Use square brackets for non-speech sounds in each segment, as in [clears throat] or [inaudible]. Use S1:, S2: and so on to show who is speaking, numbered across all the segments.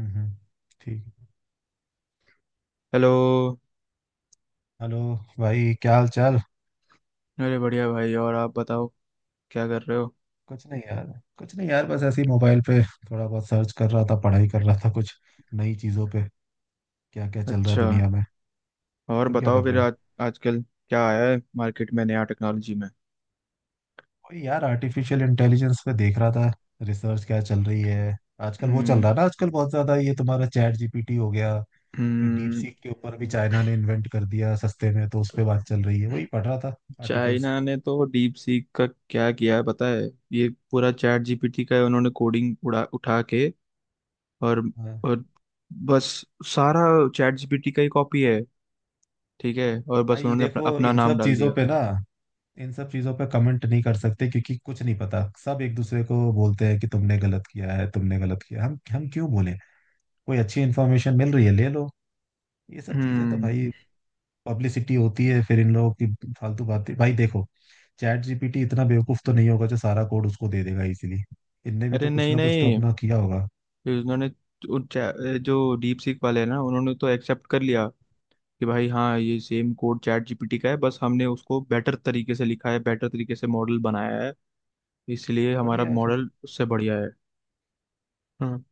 S1: हम्म, ठीक।
S2: Hello.
S1: Hello. भाई, क्या हाल चाल।
S2: अरे, बढ़िया भाई। और आप बताओ, क्या कर रहे हो।
S1: कुछ नहीं यार कुछ नहीं यार, बस ऐसे ही मोबाइल पे थोड़ा बहुत सर्च कर रहा था, पढ़ाई कर रहा था कुछ नई चीज़ों पे। क्या क्या चल रहा है
S2: अच्छा।
S1: दुनिया में।
S2: और
S1: तुम क्या
S2: बताओ
S1: कर
S2: फिर
S1: रहे हो।
S2: आज आजकल क्या आया है मार्केट में नया टेक्नोलॉजी में।
S1: वही यार, आर्टिफिशियल इंटेलिजेंस पे देख रहा था रिसर्च क्या चल रही है आजकल। वो चल
S2: हम्म।
S1: रहा है ना आजकल बहुत ज़्यादा, ये तुम्हारा चैट जीपीटी हो गया। फिर डीप
S2: हम्म।
S1: सीक के ऊपर भी चाइना ने इन्वेंट कर दिया सस्ते में, तो उस पर बात चल रही है, वही पढ़ रहा था आर्टिकल्स।
S2: चाइना ने तो डीप सीक का क्या किया है पता है? ये पूरा चैट जीपीटी का है, उन्होंने कोडिंग उड़ा उठा के और
S1: हाँ।
S2: और बस सारा चैट जीपीटी का ही कॉपी है। ठीक है, और बस
S1: भाई
S2: उन्होंने अपना,
S1: देखो,
S2: अपना नाम डाल दिया।
S1: इन सब चीजों पे कमेंट नहीं कर सकते क्योंकि कुछ नहीं पता। सब एक दूसरे को बोलते हैं कि तुमने गलत किया है, तुमने गलत किया है। हम क्यों बोले। कोई अच्छी इन्फॉर्मेशन मिल रही है ले लो। ये सब चीजें तो
S2: हम्म।
S1: भाई पब्लिसिटी होती है फिर इन लोगों की। फालतू बातें भाई देखो। चैट जीपीटी इतना बेवकूफ तो नहीं होगा जो सारा कोड उसको दे देगा, इसीलिए इनने भी
S2: अरे
S1: तो कुछ
S2: नहीं,
S1: ना कुछ तो
S2: नहीं।
S1: अपना किया होगा।
S2: फिर उन्होंने उन चा- जो डीप सीक वाले हैं ना, उन्होंने तो एक्सेप्ट कर लिया कि भाई हाँ, ये सेम कोड चैट जीपीटी का है, बस हमने उसको बेटर तरीके से लिखा है, बेटर तरीके से मॉडल बनाया है, इसलिए हमारा
S1: बढ़िया है फिर।
S2: मॉडल उससे बढ़िया है। हाँ।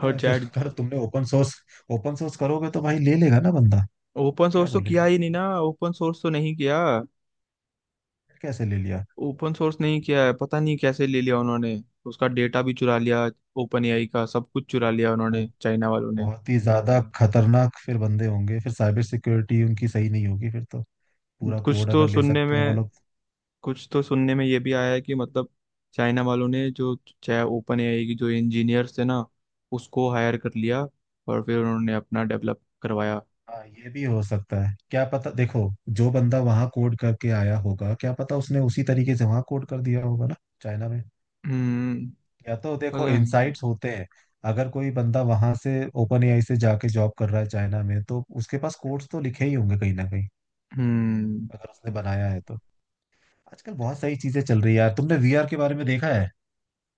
S1: अच्छा
S2: और
S1: है फिर।
S2: चैट
S1: [laughs] अगर तुमने ओपन सोर्स करोगे तो भाई ले लेगा ना बंदा।
S2: ओपन
S1: क्या
S2: सोर्स तो किया
S1: बोलेंगे,
S2: ही नहीं ना, ओपन सोर्स तो नहीं किया।
S1: कैसे ले लिया।
S2: ओपन सोर्स नहीं किया है, पता नहीं कैसे ले लिया उन्होंने। उसका डेटा भी चुरा लिया, ओपन एआई का सब कुछ चुरा लिया
S1: तो
S2: उन्होंने, चाइना वालों ने।
S1: बहुत ही ज्यादा खतरनाक फिर बंदे होंगे, फिर साइबर सिक्योरिटी उनकी सही नहीं होगी फिर तो, पूरा
S2: कुछ
S1: कोड
S2: तो
S1: अगर ले
S2: सुनने
S1: सकते हैं वो
S2: में
S1: लोग।
S2: कुछ तो सुनने में ये भी आया है कि मतलब चाइना वालों ने जो चाहे, ओपन एआई की जो इंजीनियर्स थे ना, उसको हायर कर लिया, और फिर उन्होंने अपना डेवलप करवाया।
S1: हाँ, ये भी हो सकता है, क्या पता। देखो, जो बंदा वहां कोड करके आया होगा, क्या पता उसने उसी तरीके से वहां कोड कर दिया होगा ना चाइना में।
S2: हम्म।
S1: या तो देखो,
S2: पता नहीं।
S1: इनसाइट्स होते हैं। अगर कोई बंदा वहां से ओपन एआई से जाके जॉब कर रहा है चाइना में, तो उसके पास कोड्स तो लिखे ही होंगे कहीं ना कहीं,
S2: हम्म।
S1: अगर उसने बनाया है तो। आजकल बहुत सारी चीजें चल रही है यार। तुमने वीआर के बारे में देखा है?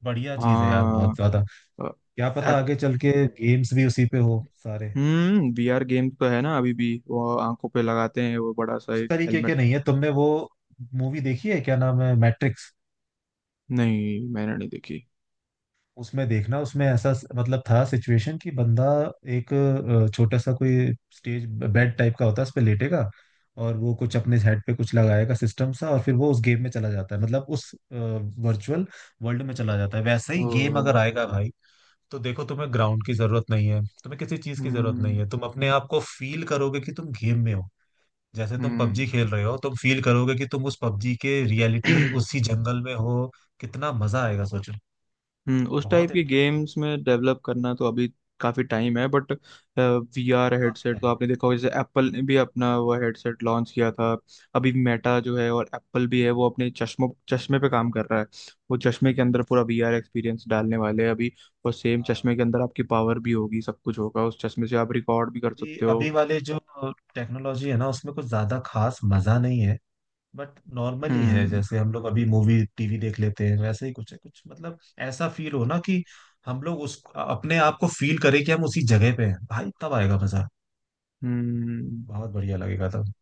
S1: बढ़िया चीज है यार, बहुत
S2: हाँ।
S1: ज्यादा। क्या पता
S2: ऐप।
S1: आगे चल के गेम्स भी उसी पे हो सारे।
S2: हम्म। वीआर गेम तो है ना अभी भी, वो आंखों पे लगाते हैं वो बड़ा सा
S1: उस
S2: एक
S1: तरीके
S2: हेलमेट।
S1: के नहीं है। तुमने वो मूवी देखी है, क्या नाम है, मैट्रिक्स?
S2: नहीं, मैंने नहीं देखी।
S1: उसमें देखना, उसमें ऐसा मतलब था सिचुएशन कि बंदा एक छोटा सा कोई स्टेज, बेड टाइप का होता है, उस पे लेटेगा। और वो कुछ अपने हेड पे कुछ लगाएगा सिस्टम सा, और फिर वो उस गेम में चला जाता है, मतलब उस वर्चुअल वर्ल्ड में चला जाता है। वैसे ही गेम
S2: ओ।
S1: अगर आएगा भाई, तो देखो, तुम्हें ग्राउंड की जरूरत नहीं है, तुम्हें किसी चीज की जरूरत नहीं है,
S2: हम्म।
S1: तुम अपने आप को फील करोगे कि तुम गेम में हो। जैसे तुम
S2: हम्म।
S1: पबजी खेल रहे हो, तुम फील करोगे कि तुम उस पबजी के रियलिटी उसी जंगल में हो। कितना मजा आएगा सोचो।
S2: हम्म। उस टाइप
S1: बहुत
S2: के
S1: इंटरेस्टिंग।
S2: गेम्स में डेवलप करना तो अभी काफी टाइम है, बट वीआर
S1: काफी
S2: हेडसेट तो
S1: टाइम।
S2: आपने देखा होगा, जैसे एप्पल ने भी अपना वो हेडसेट लॉन्च किया था। अभी मेटा जो है और एप्पल भी है, वो अपने चश्मों चश्मे पे काम कर रहा है। वो चश्मे के अंदर पूरा वीआर एक्सपीरियंस डालने वाले हैं अभी, और सेम चश्मे के अंदर आपकी पावर भी होगी, सब कुछ होगा, उस चश्मे से आप रिकॉर्ड भी कर
S1: अभी
S2: सकते
S1: अभी
S2: हो।
S1: वाले जो टेक्नोलॉजी है ना, उसमें कुछ ज्यादा खास मजा नहीं है। बट नॉर्मली है,
S2: हम्म।
S1: जैसे हम लोग अभी मूवी टीवी देख लेते हैं वैसे ही कुछ है, कुछ मतलब। ऐसा फील हो ना कि हम लोग उस अपने आप को फील करें कि हम उसी जगह पे हैं भाई, तब आएगा मजा।
S2: हम्म।
S1: बहुत बढ़िया लगेगा तब।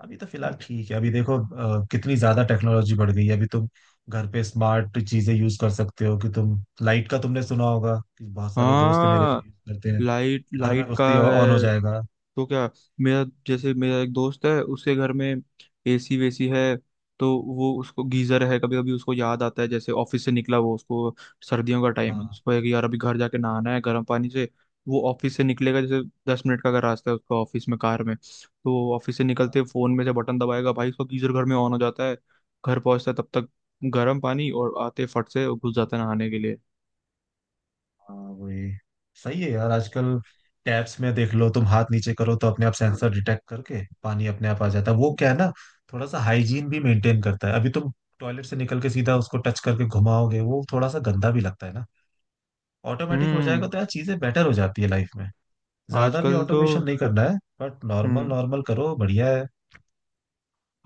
S1: अभी तो फिलहाल ठीक है। अभी देखो कितनी ज्यादा टेक्नोलॉजी बढ़ गई है। अभी तुम घर पे स्मार्ट चीजें यूज कर सकते हो कि तुम लाइट का तुमने सुना होगा कि बहुत सारे दोस्त है मेरे जो
S2: हाँ।
S1: यूज करते हैं,
S2: लाइट
S1: घर में
S2: लाइट का
S1: घुसते ही ऑन हो
S2: है।
S1: जाएगा।
S2: तो क्या, मेरा जैसे, मेरा एक दोस्त है, उसके घर में एसी वेसी है, तो वो, उसको गीजर है, कभी कभी उसको याद आता है, जैसे ऑफिस से निकला, वो उसको सर्दियों का टाइम है,
S1: हाँ
S2: उसको है कि यार अभी घर जाके नहाना है गर्म पानी से। वो ऑफिस से निकलेगा, जैसे 10 मिनट का अगर रास्ता है उसका ऑफिस में, कार में, तो ऑफिस से निकलते फोन में से बटन दबाएगा भाई, उसका गीजर घर में ऑन हो जाता है, घर पहुंचता है तब तक गर्म पानी, और आते फट से घुस जाता है नहाने के लिए।
S1: हाँ, वही सही है यार। आजकल टैब्स में देख लो, तुम हाथ नीचे करो तो अपने आप सेंसर डिटेक्ट करके पानी अपने आप आ जाता है, वो क्या है ना। थोड़ा सा हाइजीन भी मेंटेन करता है। अभी तुम टॉयलेट से निकल के सीधा उसको टच करके घुमाओगे, वो थोड़ा सा गंदा भी लगता है ना। ऑटोमेटिक हो जाएगा
S2: हम्म।
S1: तो यार चीजें बेटर हो जाती है लाइफ में। ज्यादा भी
S2: आजकल तो
S1: ऑटोमेशन नहीं करना है। But normal
S2: hmm.
S1: नॉर्मल करो बढ़िया है।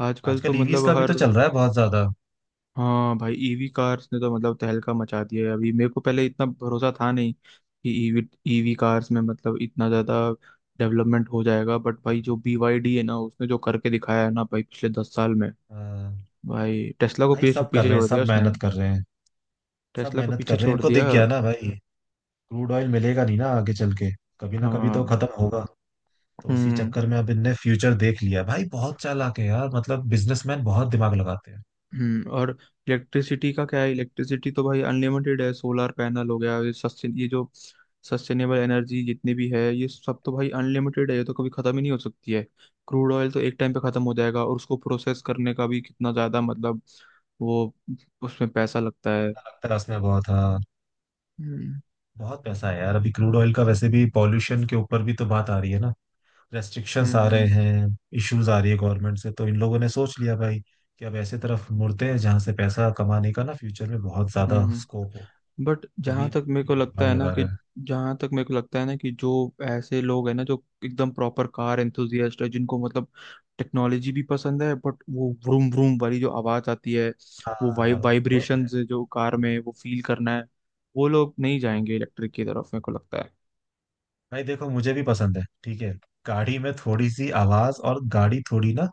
S2: आजकल तो
S1: आजकल ईवीज
S2: मतलब
S1: का भी तो
S2: हर
S1: चल रहा है बहुत ज्यादा।
S2: हाँ, भाई, ईवी कार्स ने तो मतलब तहलका मचा दिया है, अभी मेरे को पहले इतना भरोसा था नहीं कि ईवी ईवी कार्स में मतलब इतना ज़्यादा डेवलपमेंट हो जाएगा, बट भाई जो BYD है ना, उसने जो करके दिखाया है ना भाई, पिछले 10 साल में
S1: अ,
S2: भाई टेस्ला को
S1: भाई
S2: पीछे
S1: सब कर
S2: पीछे
S1: रहे हैं,
S2: छोड़ दिया
S1: सब
S2: उसने।
S1: मेहनत कर रहे हैं।
S2: टेस्ला को पीछे छोड़
S1: इनको
S2: दिया।
S1: दिख गया ना भाई। क्रूड ऑयल मिलेगा नहीं ना आगे चल के, कभी ना कभी तो
S2: हाँ।
S1: खत्म होगा। तो उसी
S2: हम्म।
S1: चक्कर में अब इनने फ्यूचर देख लिया भाई, बहुत चालाक है यार, मतलब बिजनेसमैन बहुत दिमाग लगाते हैं।
S2: हम्म। और इलेक्ट्रिसिटी का क्या है, इलेक्ट्रिसिटी तो भाई अनलिमिटेड है, सोलर पैनल हो गया, ये जो सस्टेनेबल एनर्जी जितनी भी है, ये सब तो भाई अनलिमिटेड है, ये तो कभी खत्म ही नहीं हो सकती है। क्रूड ऑयल तो एक टाइम पे खत्म हो जाएगा, और उसको प्रोसेस करने का भी कितना ज्यादा, मतलब वो, उसमें पैसा लगता है।
S1: अच्छा लगता है उसमें बहुत, हाँ।
S2: हम्म।
S1: बहुत पैसा है यार अभी क्रूड ऑयल का। वैसे भी पॉल्यूशन के ऊपर भी तो बात आ रही है ना, रेस्ट्रिक्शंस आ रहे
S2: हम्म।
S1: हैं। इश्यूज आ रही है गवर्नमेंट से, तो इन लोगों ने सोच लिया भाई कि अब ऐसे तरफ मुड़ते हैं जहां से पैसा कमाने का ना फ्यूचर में बहुत ज्यादा
S2: हम्म।
S1: स्कोप हो,
S2: बट
S1: तभी अभी दिमाग लगा रहे हैं।
S2: जहां तक मेरे को लगता है ना कि जो ऐसे लोग हैं ना, जो एकदम प्रॉपर कार एंथुजियास्ट है, जिनको मतलब टेक्नोलॉजी भी पसंद है, बट वो व्रूम व्रूम वाली जो आवाज आती है, वो
S1: हाँ, वो तो है।
S2: वाइब्रेशंस जो कार में, वो फील करना है, वो लोग नहीं जाएंगे इलेक्ट्रिक की तरफ, मेरे को लगता है।
S1: भाई देखो, मुझे भी पसंद है ठीक है, गाड़ी में थोड़ी सी आवाज और गाड़ी थोड़ी ना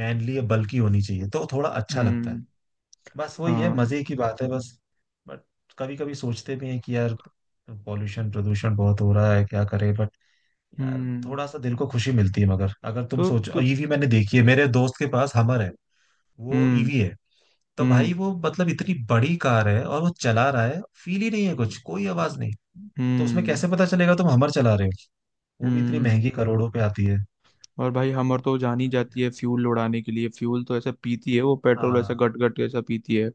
S1: मैनली या बल्की होनी चाहिए तो थोड़ा अच्छा लगता है।
S2: हम्म।
S1: बस वही है
S2: हाँ।
S1: मजे की बात है बस। बट कभी कभी सोचते भी हैं कि यार पॉल्यूशन प्रदूषण बहुत हो रहा है, क्या करें। बट यार
S2: हम्म।
S1: थोड़ा सा दिल को खुशी मिलती है। मगर अगर तुम
S2: तो
S1: सोचो,
S2: तो
S1: ईवी मैंने देखी है मेरे दोस्त के पास, हमर है, वो
S2: हम्म।
S1: ईवी है। तो भाई
S2: हम्म।
S1: वो मतलब इतनी बड़ी कार है, और वो चला रहा है फील ही नहीं है कुछ, कोई आवाज नहीं। तो उसमें
S2: हम्म।
S1: कैसे पता चलेगा तुम हमर चला रहे हो, वो भी इतनी
S2: हम्म।
S1: महंगी, करोड़ों पे आती है।
S2: और भाई हमर तो जान ही जाती है फ्यूल उड़ाने के लिए, फ्यूल तो ऐसा पीती है, वो पेट्रोल ऐसा
S1: हाँ,
S2: गट गट ऐसा पीती है।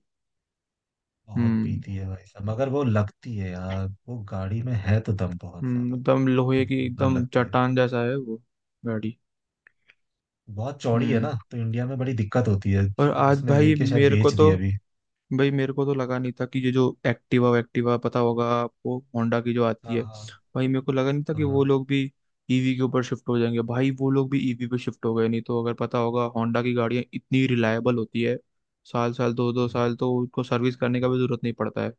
S1: बहुत
S2: हम्म।
S1: पीती है भाई साहब। मगर वो लगती है यार, वो गाड़ी में है तो दम बहुत
S2: हम्म।
S1: ज्यादा,
S2: एकदम लोहे
S1: बहुत
S2: की,
S1: जोरदार
S2: एकदम
S1: लगती है।
S2: चट्टान जैसा है वो गाड़ी।
S1: बहुत चौड़ी है
S2: हम्म।
S1: ना तो इंडिया में बड़ी दिक्कत होती है।
S2: और आज
S1: उसने
S2: भाई
S1: लेके शायद
S2: मेरे को
S1: बेच
S2: तो,
S1: दिया अभी।
S2: भाई मेरे को तो लगा नहीं था कि ये जो एक्टिवा, एक्टिवा पता होगा आपको, होंडा की जो आती
S1: हाँ
S2: है।
S1: हाँ
S2: भाई मेरे को लगा नहीं था
S1: हाँ
S2: कि वो
S1: हाँ।
S2: लोग भी ईवी के ऊपर शिफ्ट हो जाएंगे, भाई वो लोग भी ईवी पे शिफ्ट हो गए। नहीं तो अगर पता होगा, होंडा की गाड़ियाँ इतनी रिलायबल होती है, साल साल दो दो
S1: हाँ।
S2: साल तो उनको सर्विस करने का भी जरूरत नहीं पड़ता है।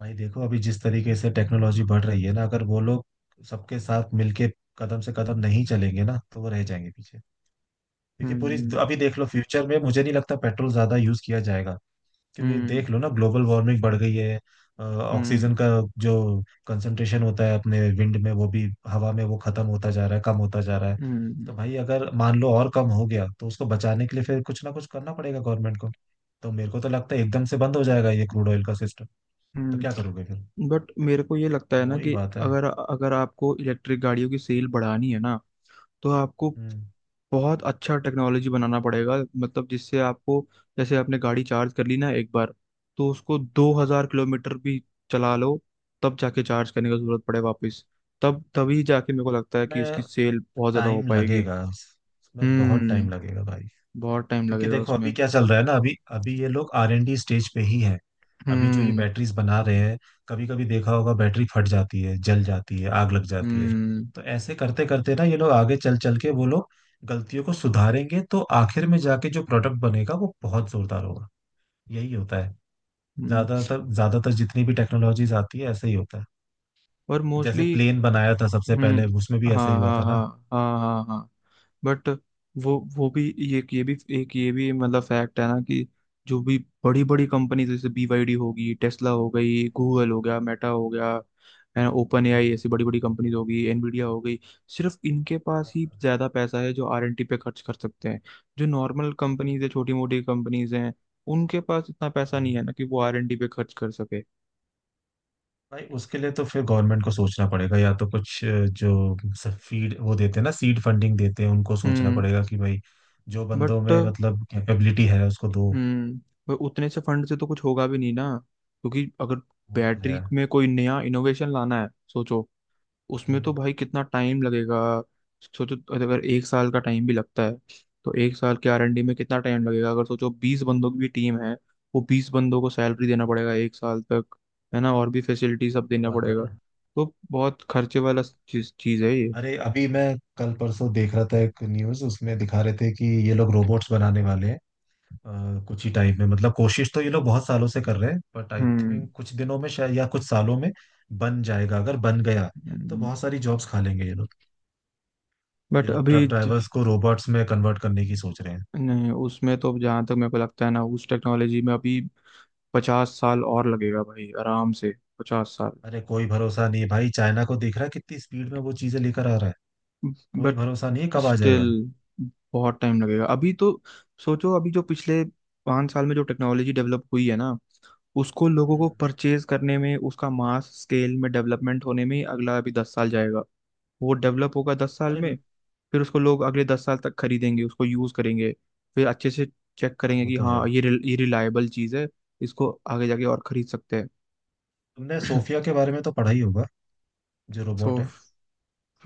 S1: भाई देखो, अभी जिस तरीके से टेक्नोलॉजी बढ़ रही है ना, अगर वो लोग सबके साथ मिलके कदम से कदम नहीं चलेंगे ना, तो वो रह जाएंगे पीछे। क्योंकि पूरी
S2: हम्म।
S1: अभी देख लो, फ्यूचर में मुझे नहीं लगता पेट्रोल ज्यादा यूज किया जाएगा। क्योंकि
S2: हम्म।
S1: देख लो ना, ग्लोबल वार्मिंग बढ़ गई है। ऑक्सीजन
S2: हम्म।
S1: का जो कंसंट्रेशन होता है अपने विंड में, वो भी हवा में वो खत्म होता जा रहा है, कम होता जा रहा है। तो
S2: हम्म।
S1: भाई अगर मान लो और कम हो गया, तो उसको बचाने के लिए फिर कुछ ना कुछ करना पड़ेगा गवर्नमेंट को। तो मेरे को तो लगता है एकदम से बंद हो जाएगा ये क्रूड ऑयल का सिस्टम। तो क्या
S2: हम्म।
S1: करोगे फिर,
S2: बट मेरे को ये लगता है ना
S1: वही
S2: कि,
S1: बात है।
S2: अगर अगर आपको इलेक्ट्रिक गाड़ियों की सेल बढ़ानी है ना, तो आपको
S1: हम्म
S2: बहुत अच्छा टेक्नोलॉजी बनाना पड़ेगा, मतलब जिससे आपको, जैसे आपने गाड़ी चार्ज कर ली ना एक बार, तो उसको 2,000 किलोमीटर भी चला लो, तब जाके चार्ज करने का जरूरत पड़े वापस। तब तभी जाके मेरे को लगता है कि उसकी
S1: मैं
S2: सेल बहुत ज्यादा हो
S1: टाइम
S2: पाएगी।
S1: लगेगा इसमें, बहुत टाइम
S2: हम्म।
S1: लगेगा भाई।
S2: बहुत टाइम
S1: क्योंकि
S2: लगेगा
S1: देखो अभी
S2: उसमें।
S1: क्या चल रहा है ना, अभी अभी ये लोग आर एन डी स्टेज पे ही हैं। अभी जो ये
S2: हम्म।
S1: बैटरीज बना रहे हैं, कभी कभी देखा होगा बैटरी फट जाती है, जल जाती है, आग लग जाती है।
S2: हम्म।
S1: तो ऐसे करते करते ना ये लोग आगे चल चल के वो लोग गलतियों को सुधारेंगे, तो आखिर में जाके जो प्रोडक्ट बनेगा वो बहुत जोरदार होगा। यही होता है।
S2: हम्म।
S1: ज्यादातर ज्यादातर जितनी भी टेक्नोलॉजीज आती है ऐसे ही होता है।
S2: और
S1: जैसे
S2: मोस्टली।
S1: प्लेन बनाया था सबसे
S2: हम्म।
S1: पहले, उसमें भी ऐसे ही
S2: हाँ,
S1: हुआ
S2: हाँ,
S1: था ना।
S2: हाँ, हाँ, हाँ, हाँ। बट वो भी, ये भी, एक ये भी मतलब फैक्ट है ना कि जो भी बड़ी बड़ी कंपनीज, जैसे बीवाईडी होगी, टेस्ला हो गई, गूगल हो गया, मेटा हो गया, है ना, ओपन
S1: हम्म,
S2: एआई, ऐसी बड़ी बड़ी कंपनीज हो गई, एनवीडिया हो गई, सिर्फ इनके पास ही ज्यादा पैसा है जो आरएनटी पे खर्च कर सकते हैं। जो नॉर्मल कंपनीज है, छोटी मोटी कंपनीज हैं, उनके पास इतना पैसा
S1: हम्म।
S2: नहीं है ना कि वो आरएनटी पे खर्च कर सके।
S1: भाई उसके लिए तो फिर गवर्नमेंट को सोचना पड़ेगा, या तो कुछ जो फीड वो देते हैं ना सीड फंडिंग देते हैं, उनको सोचना
S2: हम्म।
S1: पड़ेगा कि भाई जो बंदों
S2: बट।
S1: में मतलब कैपेबिलिटी है उसको दो।
S2: हम्म। पर उतने से फंड से तो कुछ होगा भी नहीं ना, क्योंकि अगर
S1: वो तो है।
S2: बैटरी में कोई नया इनोवेशन लाना है सोचो, उसमें
S1: हम्म,
S2: तो भाई कितना टाइम लगेगा। सोचो अगर एक साल का टाइम भी लगता है, तो एक साल के आर एन डी में कितना टाइम लगेगा, अगर सोचो 20 बंदों की भी टीम है, वो 20 बंदों को सैलरी देना पड़ेगा एक साल तक, है ना, और भी फैसिलिटी सब
S1: तो
S2: देना
S1: बात है
S2: पड़ेगा।
S1: ना।
S2: तो बहुत खर्चे वाला चीज चीज है ये।
S1: अरे, अभी मैं कल परसों देख रहा था एक न्यूज, उसमें दिखा रहे थे कि ये लोग रोबोट्स बनाने वाले हैं कुछ ही टाइम में, मतलब कोशिश तो ये लोग बहुत सालों से कर रहे हैं, बट आई
S2: हम्म।
S1: थिंक कुछ दिनों में शायद या कुछ सालों में बन जाएगा। अगर बन गया, तो बहुत सारी जॉब्स खा लेंगे ये लोग। ये
S2: बट
S1: लोग ट्रक
S2: अभी ज-
S1: ड्राइवर्स को रोबोट्स में कन्वर्ट करने की सोच रहे हैं।
S2: नहीं, उसमें तो जहाँ तक मेरे को लगता है ना, उस टेक्नोलॉजी में अभी 50 साल और लगेगा भाई, आराम से। 50 साल।
S1: अरे, कोई भरोसा नहीं है भाई, चाइना को दिख रहा है कितनी स्पीड में वो चीजें लेकर आ रहा है। कोई
S2: बट
S1: भरोसा नहीं है कब आ
S2: स्टिल
S1: जाएगा।
S2: बहुत टाइम लगेगा अभी तो। सोचो अभी जो पिछले 5 साल में जो टेक्नोलॉजी डेवलप हुई है ना, उसको लोगों
S1: हम्म।
S2: को परचेज करने में, उसका मास स्केल में डेवलपमेंट होने में ही, अगला अभी 10 साल जाएगा। वो डेवलप होगा 10 साल
S1: अरे,
S2: में, फिर उसको लोग अगले 10 साल तक खरीदेंगे, उसको यूज़ करेंगे, फिर अच्छे से चेक
S1: हाँ
S2: करेंगे
S1: वो
S2: कि
S1: तो
S2: हाँ,
S1: है।
S2: ये रिलायबल चीज़ है, इसको आगे जाके और खरीद सकते हैं।
S1: तुमने सोफिया
S2: [clears throat]
S1: के बारे में तो पढ़ा ही होगा, जो
S2: सो,
S1: रोबोट है।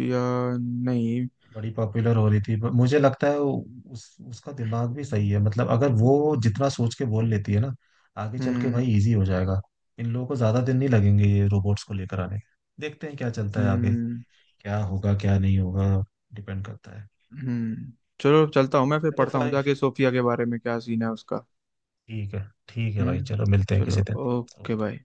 S2: या नहीं।
S1: बड़ी पॉपुलर हो रही थी। पर मुझे लगता है वो- उस उसका दिमाग भी सही है, मतलब अगर वो जितना सोच के बोल लेती है ना, आगे चल के
S2: हम्म।
S1: भाई इजी हो जाएगा। इन लोगों को ज्यादा दिन नहीं लगेंगे ये रोबोट्स को लेकर आने। देखते हैं क्या चलता है आगे,
S2: हम्म।
S1: क्या होगा क्या नहीं होगा, डिपेंड करता है।
S2: हम्म। चलो, चलता हूँ मैं फिर,
S1: चलो
S2: पढ़ता हूँ
S1: भाई,
S2: जाके सोफिया के बारे में क्या सीन है उसका।
S1: ठीक है। ठीक है भाई,
S2: हम्म।
S1: चलो मिलते हैं
S2: चलो,
S1: किसी
S2: ओके
S1: दिन।
S2: भाई।